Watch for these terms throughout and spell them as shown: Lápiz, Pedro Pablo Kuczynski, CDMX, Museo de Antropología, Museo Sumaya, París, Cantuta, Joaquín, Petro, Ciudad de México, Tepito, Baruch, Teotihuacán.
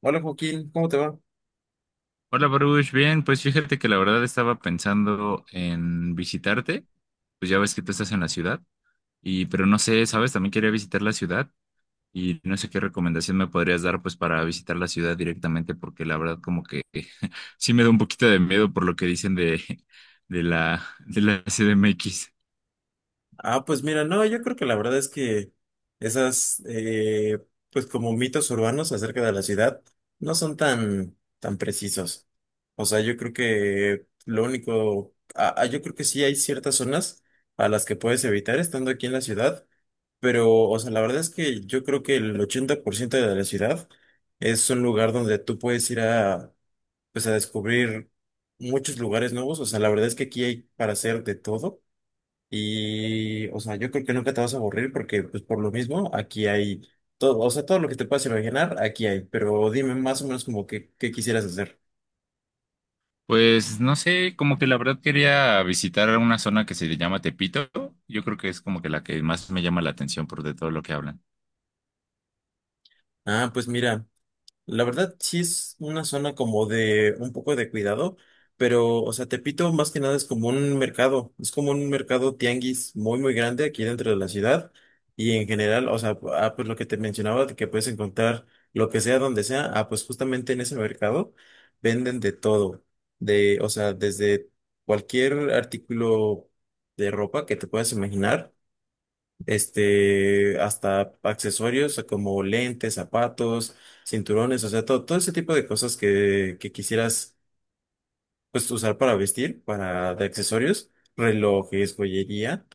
Hola Joaquín, ¿cómo te va? Hola, Baruch. Bien, pues fíjate que la verdad estaba pensando en visitarte. Pues ya ves que tú estás en la ciudad y pero no sé, ¿sabes? También quería visitar la ciudad y no sé qué recomendación me podrías dar pues para visitar la ciudad directamente porque la verdad como que sí me da un poquito de miedo por lo que dicen de de la CDMX. Ah, pues mira, no, yo creo que la verdad es que esas, pues como mitos urbanos acerca de la ciudad, no son tan precisos. O sea, yo creo que lo único, yo creo que sí hay ciertas zonas a las que puedes evitar estando aquí en la ciudad, pero, o sea, la verdad es que yo creo que el 80% de la ciudad es un lugar donde tú puedes ir a, pues a descubrir muchos lugares nuevos. O sea, la verdad es que aquí hay para hacer de todo. Y, o sea, yo creo que nunca te vas a aburrir porque, pues, por lo mismo, aquí hay todo, o sea, todo lo que te puedas imaginar, aquí hay. Pero dime más o menos como que, qué quisieras hacer. Pues no sé, como que la verdad quería visitar una zona que se llama Tepito. Yo creo que es como que la que más me llama la atención por de todo lo que hablan. Ah, pues mira. La verdad, sí es una zona como de un poco de cuidado, pero, o sea, Tepito más que nada es como un mercado, es como un mercado tianguis muy, muy grande aquí dentro de la ciudad y en general, o sea, pues lo que te mencionaba, de que puedes encontrar lo que sea, donde sea, pues justamente en ese mercado venden de todo, de, o sea, desde cualquier artículo de ropa que te puedas imaginar hasta accesorios como lentes, zapatos, cinturones, o sea, todo, todo ese tipo de cosas que quisieras, pues, usar para vestir, para de accesorios, relojes, joyería,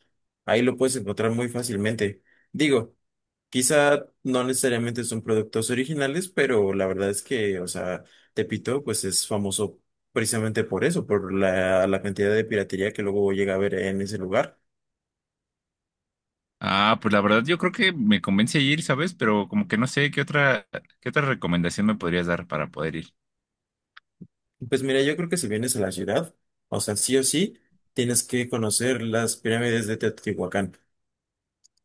ahí lo puedes encontrar muy fácilmente. Digo, quizá no necesariamente son productos originales, pero la verdad es que, o sea, Tepito, pues, es famoso precisamente por eso, por la cantidad de piratería que luego llega a haber en ese lugar. Ah, pues la verdad yo creo que me convence ir, ¿sabes? Pero como que no sé qué otra recomendación me podrías dar para poder ir. Pues mira, yo creo que si vienes a la ciudad, o sea, sí o sí, tienes que conocer las pirámides de Teotihuacán.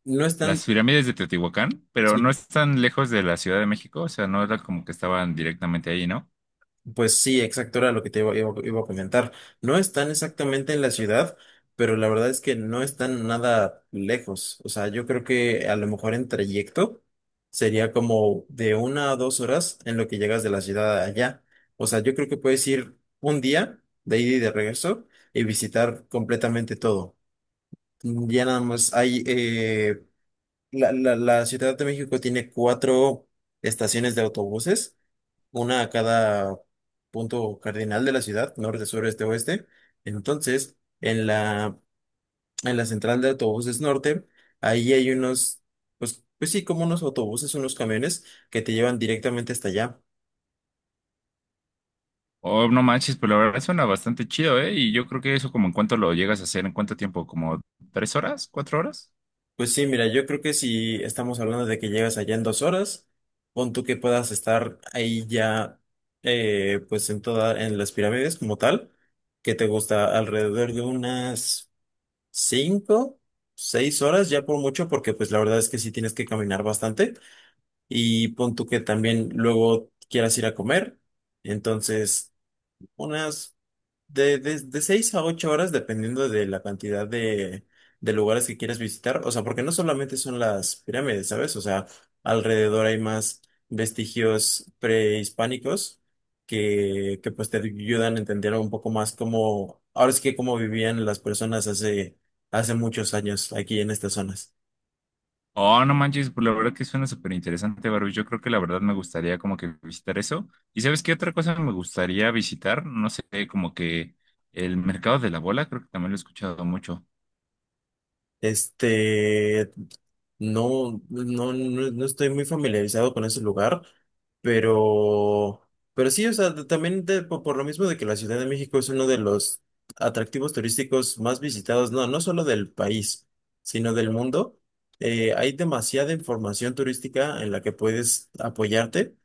No Las están, pirámides de Teotihuacán, pero no sí, están lejos de la Ciudad de México, o sea, no era como que estaban directamente ahí, ¿no? pues sí, exacto, era lo que te iba a comentar. No están exactamente en la ciudad, pero la verdad es que no están nada lejos. O sea, yo creo que a lo mejor en trayecto sería como de una a dos horas en lo que llegas de la ciudad allá. O sea, yo creo que puedes ir un día de ida y de regreso y visitar completamente todo. Ya nada más, la Ciudad de México tiene cuatro estaciones de autobuses, una a cada punto cardinal de la ciudad, norte, sur, este, oeste. Entonces, en la central de autobuses norte, ahí hay unos, pues sí, como unos autobuses, unos camiones que te llevan directamente hasta allá. Oh, no manches, pues la verdad suena bastante chido, ¿eh? Y yo creo que eso como en cuánto lo llegas a hacer, ¿en cuánto tiempo? ¿Como tres horas? ¿Cuatro horas? Pues sí, mira, yo creo que si estamos hablando de que llegas allá en 2 horas, pon tú que puedas estar ahí ya, pues en las pirámides como tal, que te gusta alrededor de unas cinco, seis horas ya por mucho, porque pues la verdad es que sí tienes que caminar bastante y pon tú que también luego quieras ir a comer, entonces unas de 6 a 8 horas, dependiendo de la cantidad de lugares que quieras visitar. O sea, porque no solamente son las pirámides, ¿sabes? O sea, alrededor hay más vestigios prehispánicos que pues te ayudan a entender un poco más cómo, ahora sí que cómo vivían las personas hace muchos años aquí en estas zonas. Oh, no manches, pues la verdad que suena súper interesante, Baru. Yo creo que la verdad me gustaría como que visitar eso. ¿Y sabes qué otra cosa me gustaría visitar? No sé, como que el mercado de la bola, creo que también lo he escuchado mucho. Este, no, no, no, no estoy muy familiarizado con ese lugar, pero, pero sí, o sea, también por, lo mismo de que la Ciudad de México es uno de los atractivos turísticos más visitados, no, no solo del país, sino del mundo, hay demasiada información turística en la que puedes apoyarte,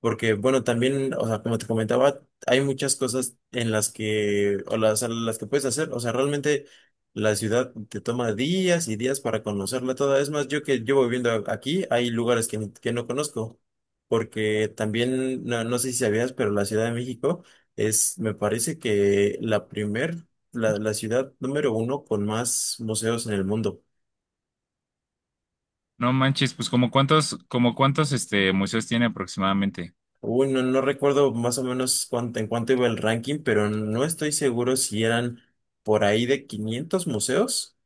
porque, bueno, también, o sea, como te comentaba, hay muchas cosas en las que, a las que puedes hacer, o sea, realmente. La ciudad te toma días y días para conocerla toda. Es más, yo que llevo viviendo aquí, hay lugares que no conozco, porque también, no, no sé si sabías, pero la Ciudad de México es, me parece que la ciudad número uno con más museos en el mundo. No manches, pues como cuántos este museos tiene aproximadamente. Uy, no, no recuerdo más o menos en cuánto iba el ranking, pero no estoy seguro si eran por ahí de 500 museos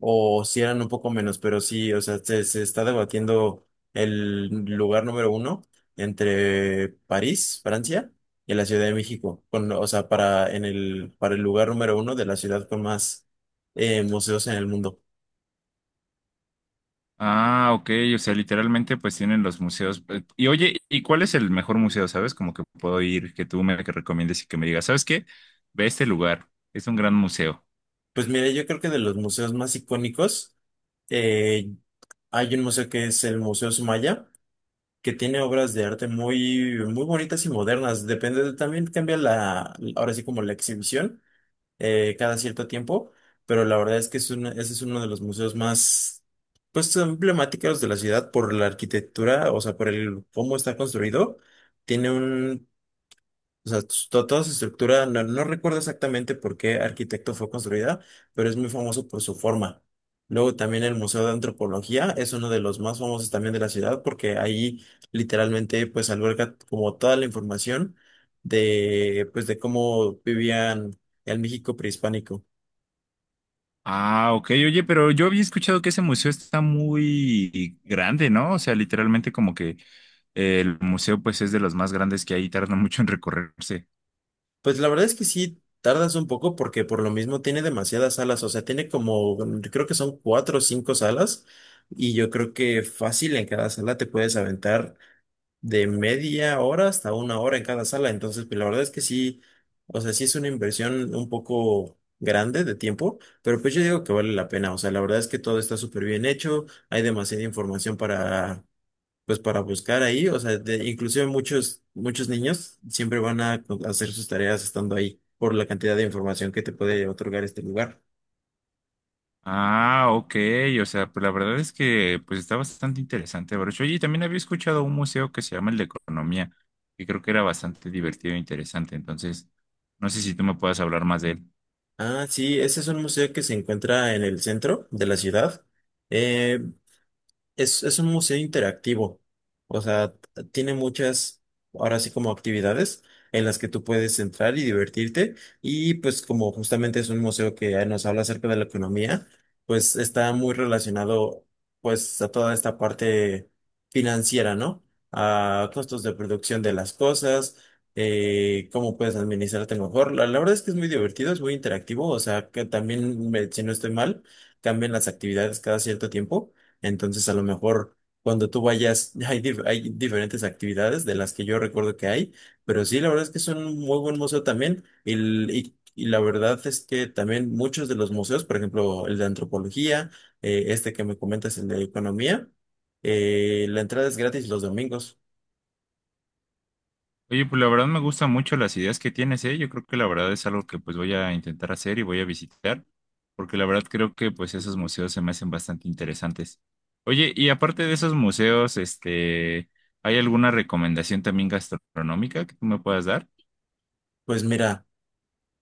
o si eran un poco menos, pero sí, o sea, se está debatiendo el lugar número uno entre París, Francia, y la Ciudad de México, o sea, para el lugar número uno de la ciudad con más museos en el mundo. Ah, ok, o sea, literalmente pues tienen los museos. Y oye, ¿y cuál es el mejor museo, sabes? Como que puedo ir, que tú me que recomiendes y que me digas, ¿sabes qué? Ve a este lugar, es un gran museo. Pues mire, yo creo que de los museos más icónicos, eh, hay un museo que es el Museo Sumaya, que tiene obras de arte muy, muy bonitas y modernas. Depende, también cambia ahora sí como la exhibición cada cierto tiempo, pero la verdad es que es ese es uno de los museos más, pues, emblemáticos de la ciudad por la arquitectura, o sea, por el cómo está construido. Tiene un o sea, toda su estructura, no, no recuerdo exactamente por qué arquitecto fue construida, pero es muy famoso por su forma. Luego también el Museo de Antropología es uno de los más famosos también de la ciudad porque ahí literalmente pues alberga como toda la información de cómo vivían el México prehispánico. Ah, ok, oye, pero yo había escuchado que ese museo está muy grande, ¿no? O sea, literalmente como que el museo pues es de los más grandes que hay y tarda mucho en recorrerse. Pues la verdad es que sí tardas un poco porque por lo mismo tiene demasiadas salas, o sea, tiene como creo que son cuatro o cinco salas y yo creo que fácil en cada sala te puedes aventar de media hora hasta una hora en cada sala. Entonces, pues la verdad es que sí, o sea, sí es una inversión un poco grande de tiempo, pero pues yo digo que vale la pena. O sea, la verdad es que todo está súper bien hecho, hay demasiada información pues para buscar ahí. O sea, inclusive muchos, muchos niños siempre van a hacer sus tareas estando ahí por la cantidad de información que te puede otorgar este lugar. Ah, ok, o sea, pues la verdad es que pues está bastante interesante, Baruch. Oye, y también había escuchado un museo que se llama el de Economía, que creo que era bastante divertido e interesante, entonces no sé si tú me puedas hablar más de él. Ah, sí, ese es un museo que se encuentra en el centro de la ciudad. Eh, es un museo interactivo, o sea, tiene muchas, ahora sí como actividades en las que tú puedes entrar y divertirte y pues como justamente es un museo que nos habla acerca de la economía, pues está muy relacionado pues a toda esta parte financiera, ¿no? A costos de producción de las cosas, cómo puedes administrarte mejor. La verdad es que es muy divertido, es muy interactivo, o sea, que también, si no estoy mal, cambian las actividades cada cierto tiempo. Entonces, a lo mejor cuando tú vayas, hay diferentes actividades de las que yo recuerdo que hay, pero sí, la verdad es que es un muy buen museo también. Y la verdad es que también muchos de los museos, por ejemplo, el de antropología, este que me comentas, el de economía, la entrada es gratis los domingos. Oye, pues la verdad me gustan mucho las ideas que tienes, ¿eh? Yo creo que la verdad es algo que pues voy a intentar hacer y voy a visitar, porque la verdad creo que pues esos museos se me hacen bastante interesantes. Oye, y aparte de esos museos, este, ¿hay alguna recomendación también gastronómica que tú me puedas dar? Pues mira.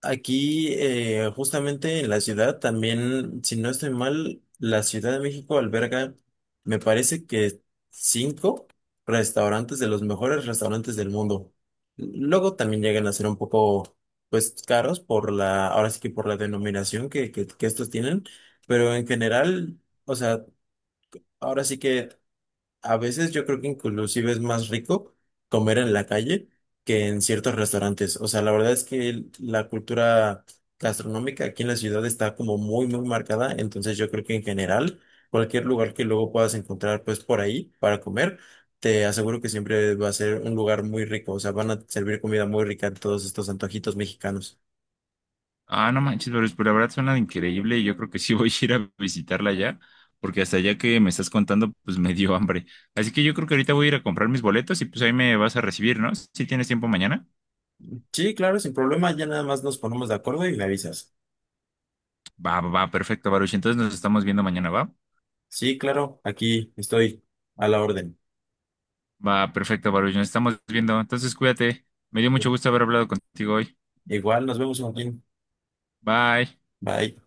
Aquí, justamente en la ciudad, también, si no estoy mal, la Ciudad de México alberga, me parece que cinco restaurantes de los mejores restaurantes del mundo. Luego también llegan a ser un poco, pues, caros por ahora sí que por la denominación que estos tienen, pero en general, o sea, ahora sí que a veces yo creo que inclusive es más rico comer en la calle que en ciertos restaurantes. O sea, la verdad es que la cultura gastronómica aquí en la ciudad está como muy, muy marcada. Entonces yo creo que en general, cualquier lugar que luego puedas encontrar pues por ahí para comer, te aseguro que siempre va a ser un lugar muy rico. O sea, van a servir comida muy rica en todos estos antojitos mexicanos. Ah, no manches, pero pues, la verdad suena increíble y yo creo que sí voy a ir a visitarla ya, porque hasta ya que me estás contando, pues me dio hambre. Así que yo creo que ahorita voy a ir a comprar mis boletos y pues ahí me vas a recibir, ¿no? Si tienes tiempo mañana. Sí, claro, sin problema. Ya nada más nos ponemos de acuerdo y me avisas. Va, va, va, perfecto, Baruch. Entonces nos estamos viendo mañana, ¿va? Sí, claro, aquí estoy a la orden. Va, perfecto, Baruch. Nos estamos viendo. Entonces cuídate. Me dio mucho gusto haber hablado contigo hoy. Igual, nos vemos, Joaquín. Bye. Bye.